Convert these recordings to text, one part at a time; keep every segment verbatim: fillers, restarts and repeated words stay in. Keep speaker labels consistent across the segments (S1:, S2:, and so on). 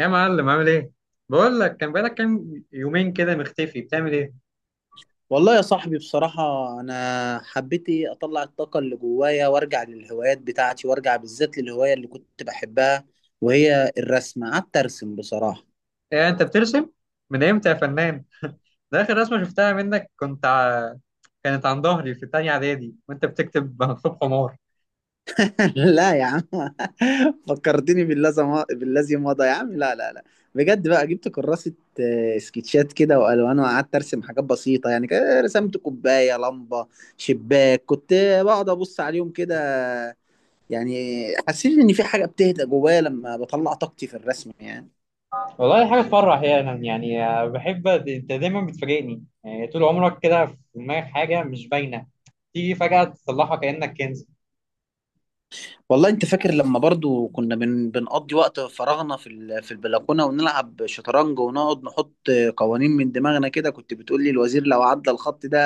S1: يا معلم عامل ايه؟ بقول لك كان بقالك كام يومين كده مختفي بتعمل ايه؟
S2: والله يا صاحبي بصراحة، أنا حبيت إيه أطلع الطاقة اللي جوايا وأرجع للهوايات بتاعتي وأرجع بالذات للهواية اللي كنت بحبها، وهي الرسم. قعدت أرسم بصراحة.
S1: إيه انت بترسم؟ من امتى يا فنان؟ ده اخر رسمة شفتها منك كنت ع... كانت عن ظهري في تانية اعدادي وانت بتكتب مكتوب حمار.
S2: لا يا عم. فكرتني بالذي بالذي مضى يا عم، لا لا لا. بجد بقى جبت كراسة، آه، سكتشات كده وألوان، وقعدت أرسم حاجات بسيطة، يعني كده رسمت كوباية، لمبة، شباك. كنت بقعد أبص عليهم كده. يعني حسيت إن في حاجة بتهدى جوايا لما بطلع طاقتي في الرسم يعني.
S1: والله حاجة تفرح، يعني يعني آه، بحب انت دايما بتفاجئني، يعني طول عمرك كده في دماغك حاجة مش باينة، تيجي فجأة تطلعها كأنك كنز.
S2: والله انت فاكر لما برضو كنا بن... بنقضي وقت فراغنا في ال... في البلكونه، ونلعب شطرنج، ونقعد نحط قوانين من دماغنا كده؟ كنت بتقول لي الوزير لو عدى الخط ده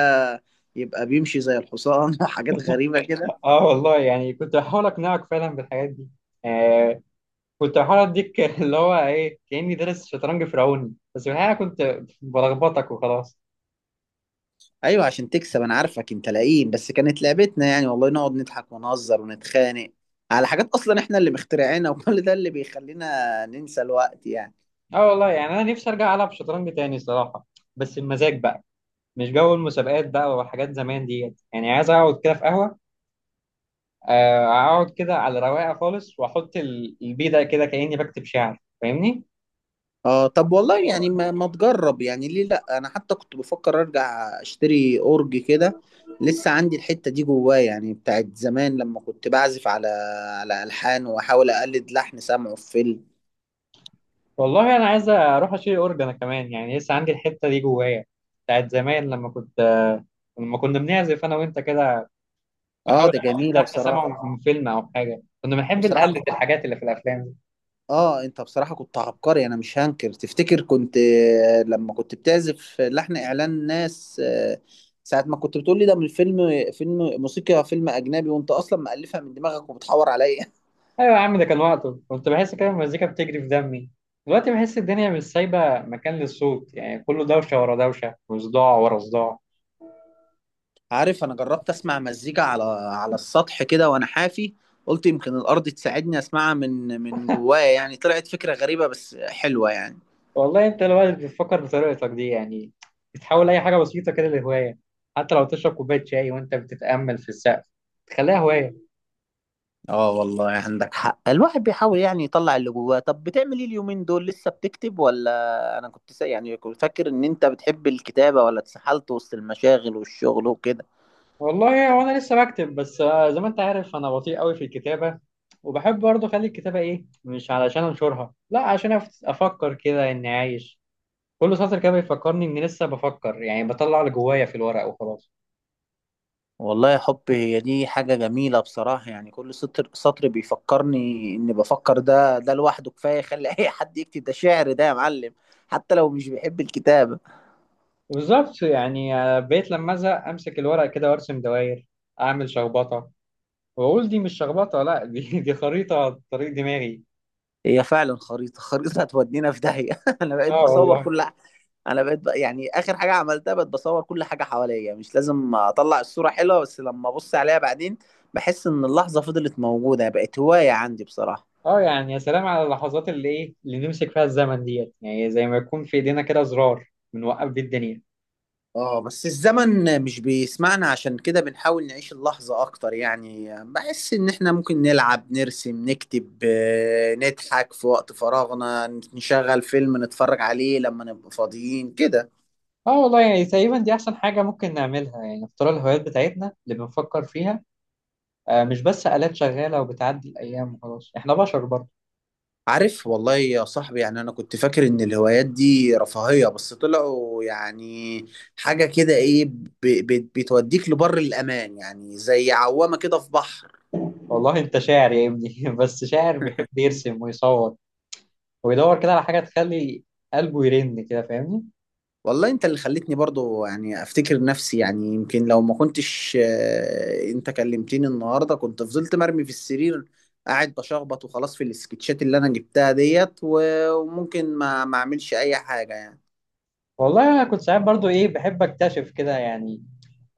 S2: يبقى بيمشي زي الحصان وحاجات غريبه كده.
S1: اه والله، يعني كنت بحاول اقنعك فعلا بالحاجات دي. كنت بحاول اديك اللي هو ايه، كاني دارس شطرنج فرعوني، بس في الحقيقه كنت بلخبطك وخلاص.
S2: ايوه عشان تكسب، انا عارفك انت لئيم، بس كانت لعبتنا يعني. والله نقعد نضحك ونهزر ونتخانق على حاجات اصلا احنا اللي مخترعينها وكل ده اللي بيخلينا ننسى الوقت يعني.
S1: اه والله، يعني انا نفسي ارجع العب شطرنج تاني صراحه، بس المزاج بقى مش جو المسابقات بقى وحاجات زمان ديت، يعني عايز اقعد كده في قهوه، آه، اقعد كده على رواقه خالص واحط ال- البيدق كده كاني بكتب شعر، فاهمني؟
S2: اه طب والله يعني ما, ما تجرب يعني؟ ليه لا؟ انا حتى كنت بفكر ارجع اشتري اورج كده. لسه عندي الحتة دي جواه يعني، بتاعت زمان لما كنت بعزف على على الحان، واحاول اقلد لحن سمعه في فيلم.
S1: والله انا عايز اروح اشيل اورج انا كمان، يعني لسه عندي الحته دي جوايا، بتاعت زمان لما كنت آه، لما كنا بنعزف انا وانت كده،
S2: اه
S1: بحاول
S2: ده
S1: احدد ده
S2: جميلة
S1: احنا
S2: بصراحة،
S1: سامعه من فيلم او حاجه، كنا بنحب
S2: بصراحة.
S1: نقلد الحاجات اللي في الافلام دي.
S2: اه انت بصراحة كنت عبقري، انا مش هنكر. تفتكر كنت آه، لما كنت بتعزف لحن اعلان ناس، آه، ساعة ما كنت بتقول لي ده من فيلم، فيلم موسيقى، فيلم اجنبي، وانت اصلا مألفها من دماغك وبتحور عليا.
S1: ايوه يا عم، ده كان وقته كنت بحس كده المزيكا بتجري في دمي. دلوقتي بحس الدنيا مش سايبه مكان للصوت، يعني كله دوشه ورا دوشه وصداع ورا صداع.
S2: عارف انا جربت اسمع مزيكا على على السطح كده وانا حافي؟ قلت يمكن الارض تساعدني اسمعها من من جوايا يعني. طلعت فكرة غريبة بس حلوة يعني.
S1: والله انت الواحد بتفكر بطريقتك دي، يعني بتحاول اي حاجه بسيطه كده لهوايه، حتى لو تشرب كوبايه شاي وانت بتتامل في السقف تخليها هوايه.
S2: اه والله عندك حق، الواحد بيحاول يعني يطلع اللي جواه. طب بتعمل ايه اليومين دول؟ لسه بتكتب ولا؟ انا كنت سا... يعني كنت فاكر ان انت بتحب الكتابة، ولا اتسحلت وسط المشاغل والشغل وكده؟
S1: والله هو انا لسه بكتب، بس آه، زي ما انت عارف انا بطيء قوي في الكتابه، وبحب برضه اخلي الكتابه ايه، مش علشان انشرها، لا، عشان أف- افكر كده اني عايش. كل سطر كده بيفكرني اني لسه بفكر، يعني بطلع اللي جوايا في الورق وخلاص.
S2: والله يا حب هي دي حاجة جميلة بصراحة. يعني كل سطر، سطر بيفكرني إني بفكر. ده ده لوحده كفاية يخلي أي حد يكتب. ده شعر ده يا معلم، حتى لو مش بيحب الكتابة.
S1: بالظبط، يعني آه، بقيت لما ازهق امسك الورق كده وارسم دوائر، اعمل شخبطه، واقول دي مش شخبطه، لا، دي دي خريطه طريق دماغي.
S2: هي فعلا خريطة خريطة هتودينا في داهية. أنا بقيت
S1: اه
S2: بصور
S1: والله.
S2: كل ح- أنا بقيت ب... يعني آخر حاجة عملتها بقيت بصور كل حاجة حواليا. مش لازم أطلع الصورة حلوة، بس لما أبص عليها بعدين بحس إن اللحظة فضلت موجودة. بقت هواية عندي بصراحة.
S1: اه، يعني يا سلام على اللحظات اللي ايه، اللي نمسك فيها الزمن ديت، يعني زي ما يكون في ايدينا كده زرار بنوقف بيه الدنيا.
S2: اه بس الزمن مش بيسمعنا، عشان كده بنحاول نعيش اللحظة اكتر يعني. بحس ان احنا ممكن نلعب، نرسم، نكتب، آه، نضحك في وقت فراغنا، نشغل فيلم نتفرج عليه لما نبقى فاضيين كده.
S1: اه والله، يعني تقريبا دي احسن حاجه ممكن نعملها، يعني نختار الهوايات بتاعتنا اللي بنفكر فيها، آه، مش بس آلات شغاله وبتعدي الايام وخلاص، احنا بشر برضه.
S2: عارف والله يا صاحبي يعني انا كنت فاكر ان الهوايات دي رفاهية، بس طلعوا يعني حاجة كده ايه ب- ب- بتوديك لبر الامان يعني، زي عوامة كده في بحر.
S1: والله انت شاعر يا ابني، بس شاعر بيحب يرسم ويصور، ويدور كده على حاجه تخلي قلبه يرن كده، فاهمني؟
S2: والله انت اللي خلتني برضو يعني افتكر نفسي. يعني يمكن لو ما كنتش آه، انت كلمتني النهارده، كنت فضلت مرمي في السرير قاعد بشخبط وخلاص في السكتشات اللي انا جبتها ديت، و- وممكن ما ما اعملش اي حاجة يعني.
S1: والله انا كنت ساعات برضه ايه، بحب اكتشف كده، يعني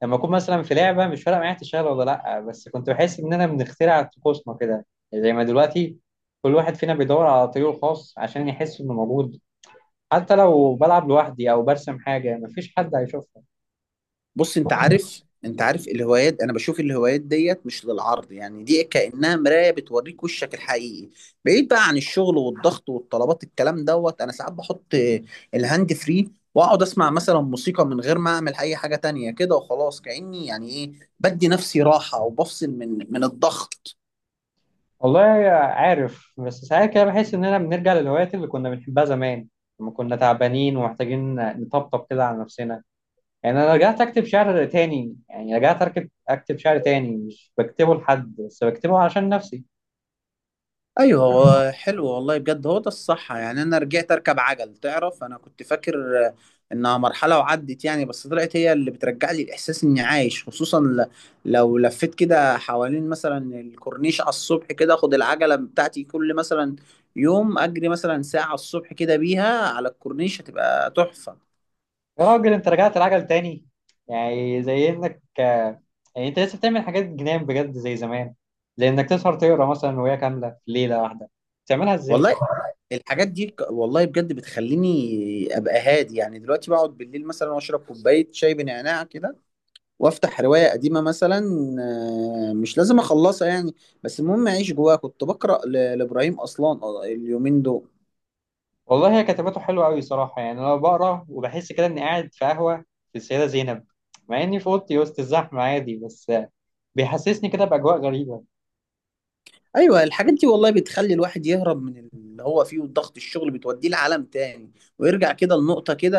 S1: لما اكون مثلا في لعبه مش فارقه معايا تشتغل ولا لا، بس كنت بحس اننا بنخترع طقوسنا كده. يعني زي ما دلوقتي كل واحد فينا بيدور على طريقه الخاص عشان يحس انه موجود، حتى لو بلعب لوحدي او برسم حاجه مفيش حد هيشوفها.
S2: بص انت عارف، انت عارف الهوايات، انا بشوف الهوايات ديت مش للعرض يعني، دي كأنها مراية بتوريك وشك الحقيقي بعيد بقى عن الشغل والضغط والطلبات الكلام دوت. انا ساعات بحط الهاند فري واقعد اسمع مثلا موسيقى من غير ما اعمل اي حاجة تانية كده وخلاص، كأني يعني ايه بدي نفسي راحة، وبفصل من من الضغط.
S1: والله عارف، بس ساعات كده بحس اننا بنرجع للهوايات اللي كنا بنحبها زمان، لما كنا تعبانين ومحتاجين نطبطب كده على نفسنا. يعني انا رجعت اكتب شعر تاني، يعني رجعت اركب اكتب شعر تاني، مش بكتبه لحد، بس بكتبه عشان نفسي.
S2: ايوه هو حلو والله بجد، هو ده الصح يعني. انا رجعت اركب عجل. تعرف انا كنت فاكر آه، انها مرحله وعدت يعني، بس طلعت هي اللي بترجع لي الاحساس اني عايش. خصوصا ل- لو لفيت كده حوالين مثلا الكورنيش على الصبح كده، اخد العجله بتاعتي كل مثلا يوم اجري مثلا ساعه الصبح كده بيها على الكورنيش، هتبقى تحفه.
S1: يا راجل، انت رجعت العجل تاني؟ يعني زي انك، يعني انت لسه بتعمل حاجات جنان بجد زي زمان، زي انك تسهر تقرا مثلا روايه كامله في ليله واحده، بتعملها ازاي؟
S2: والله الحاجات دي ك- والله بجد بتخليني ابقى هادي يعني. دلوقتي بقعد بالليل مثلا واشرب كوبايه شاي بنعناع كده، وافتح روايه قديمه مثلا. آه، مش لازم اخلصها يعني، بس المهم اعيش جواها. كنت بقرا ل- لابراهيم اصلان آه، اليومين دول.
S1: والله هي كتاباته حلوة أوي صراحة، يعني أنا بقرا وبحس كده إني قاعد في قهوة في السيدة زينب، مع إني في أوضتي وسط الزحمة عادي، بس بيحسسني كده بأجواء غريبة.
S2: ايوه الحاجات دي والله بتخلي الواحد يهرب من اللي هو فيه وضغط الشغل، بتوديه لعالم تاني، ويرجع كده لنقطه كده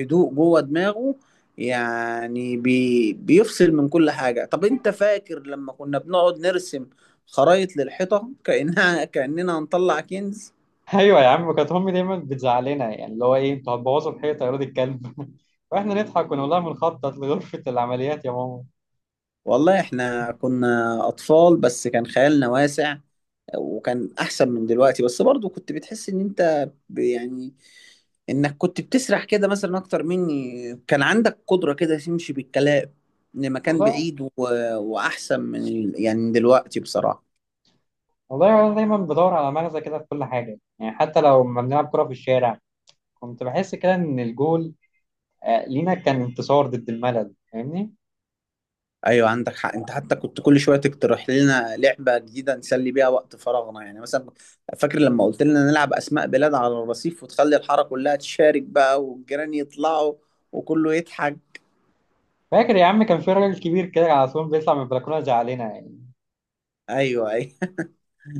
S2: هدوء جوه دماغه. يعني بي بيفصل من كل حاجه. طب انت فاكر لما كنا بنقعد نرسم خرايط للحيطه كانها كاننا هنطلع كنز؟
S1: أيوة يا عم، كانت أمي دايما بتزعلنا، يعني اللي هو إيه، أنتوا هتبوظوا الحيطة يا ولاد الكلب، وإحنا نضحك ونقول لها بنخطط لغرفة العمليات يا ماما.
S2: والله احنا كنا اطفال بس كان خيالنا واسع، وكان احسن من دلوقتي. بس برضو كنت بتحس ان انت ب- يعني انك كنت بتسرح كده مثلا اكتر مني، كان عندك قدرة كده تمشي بالكلام لمكان
S1: والله.
S2: بعيد و... واحسن من ال... يعني من دلوقتي بصراحة.
S1: والله أنا دايما بدور على مغزى كده في كل حاجة، يعني حتى لو ما بنلعب كورة في الشارع كنت بحس كده إن الجول، آه، لينا كان انتصار ضد الملل، فاهمني؟
S2: ايوه عندك حق، انت حتى كنت كل شويه تقترح لنا لعبه جديده نسلي بيها وقت فراغنا يعني. مثلا فاكر لما قلت لنا نلعب اسماء بلاد على الرصيف، وتخلي الحاره كلها تشارك بقى، والجيران يطلعوا وكله يضحك؟
S1: فاكر يا عم كان في راجل كبير كده على طول بيطلع من البلكونه زعلنا يعني.
S2: ايوه ايوه.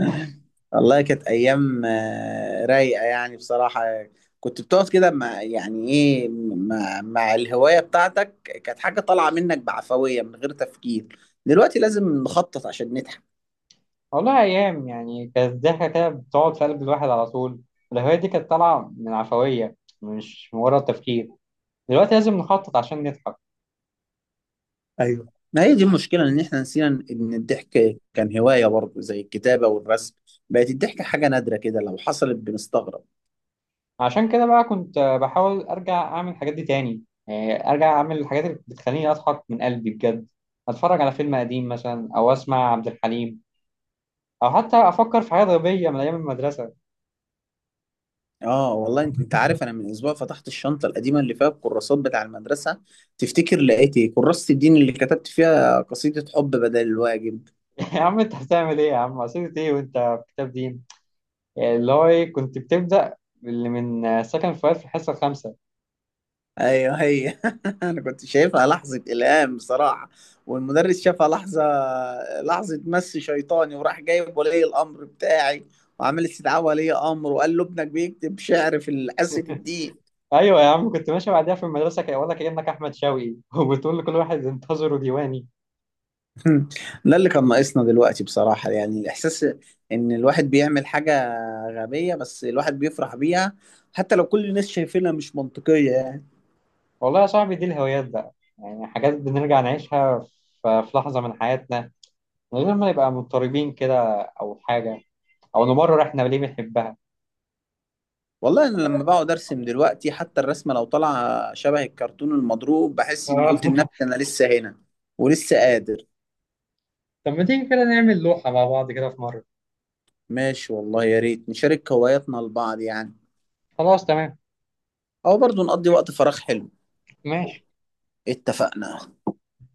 S2: والله كانت ايام آه، رايقه يعني بصراحه. كنت بتقعد كده مع يعني ايه مع, مع الهوايه بتاعتك. كانت حاجه طالعه منك بعفويه من غير تفكير، دلوقتي لازم نخطط عشان نضحك.
S1: والله ايام يعني كانت ضحكه كده بتقعد في قلب الواحد على طول. الهوايه دي كانت طالعه من عفويه، مش مجرد تفكير. دلوقتي لازم نخطط عشان نضحك.
S2: ايوه ما هي دي المشكله، ان احنا نسينا ان الضحك كان هوايه برضه زي الكتابه والرسم. بقت الضحكه حاجه نادره كده، لو حصلت بنستغرب.
S1: عشان كده بقى كنت بحاول ارجع اعمل الحاجات دي تاني، يعني ارجع اعمل الحاجات اللي بتخليني اضحك من قلبي بجد، اتفرج على فيلم قديم مثلا او اسمع عبد الحليم، او حتى افكر في حاجات غبيه من ايام المدرسه.
S2: اه والله، انت انت عارف، انا من اسبوع فتحت الشنطه القديمه اللي فيها الكراسات بتاع المدرسه. تفتكر لقيت ايه؟ كراسه الدين اللي كتبت فيها قصيده حب بدل الواجب.
S1: يا عم انت بتعمل ايه يا عم، عصير ايه وانت في كتاب دين؟ يعني اللي هو ايه، كنت بتبدأ اللي من سكن فؤاد في الحصة الخامسة.
S2: ايوه هي. انا كنت شايفها لحظه الهام بصراحه، والمدرس شافها لحظه، لحظه مس شيطاني، وراح جايب ولي الامر بتاعي، وعمل استدعاء ولي امر وقال له ابنك بيكتب شعر في حصه الدين.
S1: أيوة يا عم، كنت ماشي بعديها في المدرسة كده ولا كأنك أحمد شوقي، وبتقول لكل واحد انتظروا ديواني.
S2: مم. ده اللي كان ناقصنا دلوقتي بصراحة، يعني الإحساس إن الواحد بيعمل حاجة غبية بس الواحد بيفرح بيها، حتى لو كل الناس شايفينها مش منطقية يعني.
S1: والله يا صاحبي، دي الهوايات بقى، يعني حاجات بنرجع نعيشها ف- في لحظة من حياتنا، من غير ما نبقى مضطربين كده أو حاجة، أو نمرر إحنا ليه بنحبها.
S2: والله أنا لما بقعد أرسم دلوقتي، حتى الرسمة لو طالعة شبه الكرتون المضروب، بحس إني
S1: آه.
S2: قلت لنفسي أنا لسه هنا ولسه قادر.
S1: طب ما تيجي كده نعمل لوحة مع بعض كده في مرة.
S2: ماشي والله، يا ريت نشارك هواياتنا لبعض يعني.
S1: خلاص، تمام،
S2: أو برضو نقضي وقت فراغ حلو.
S1: ماشي.
S2: اتفقنا.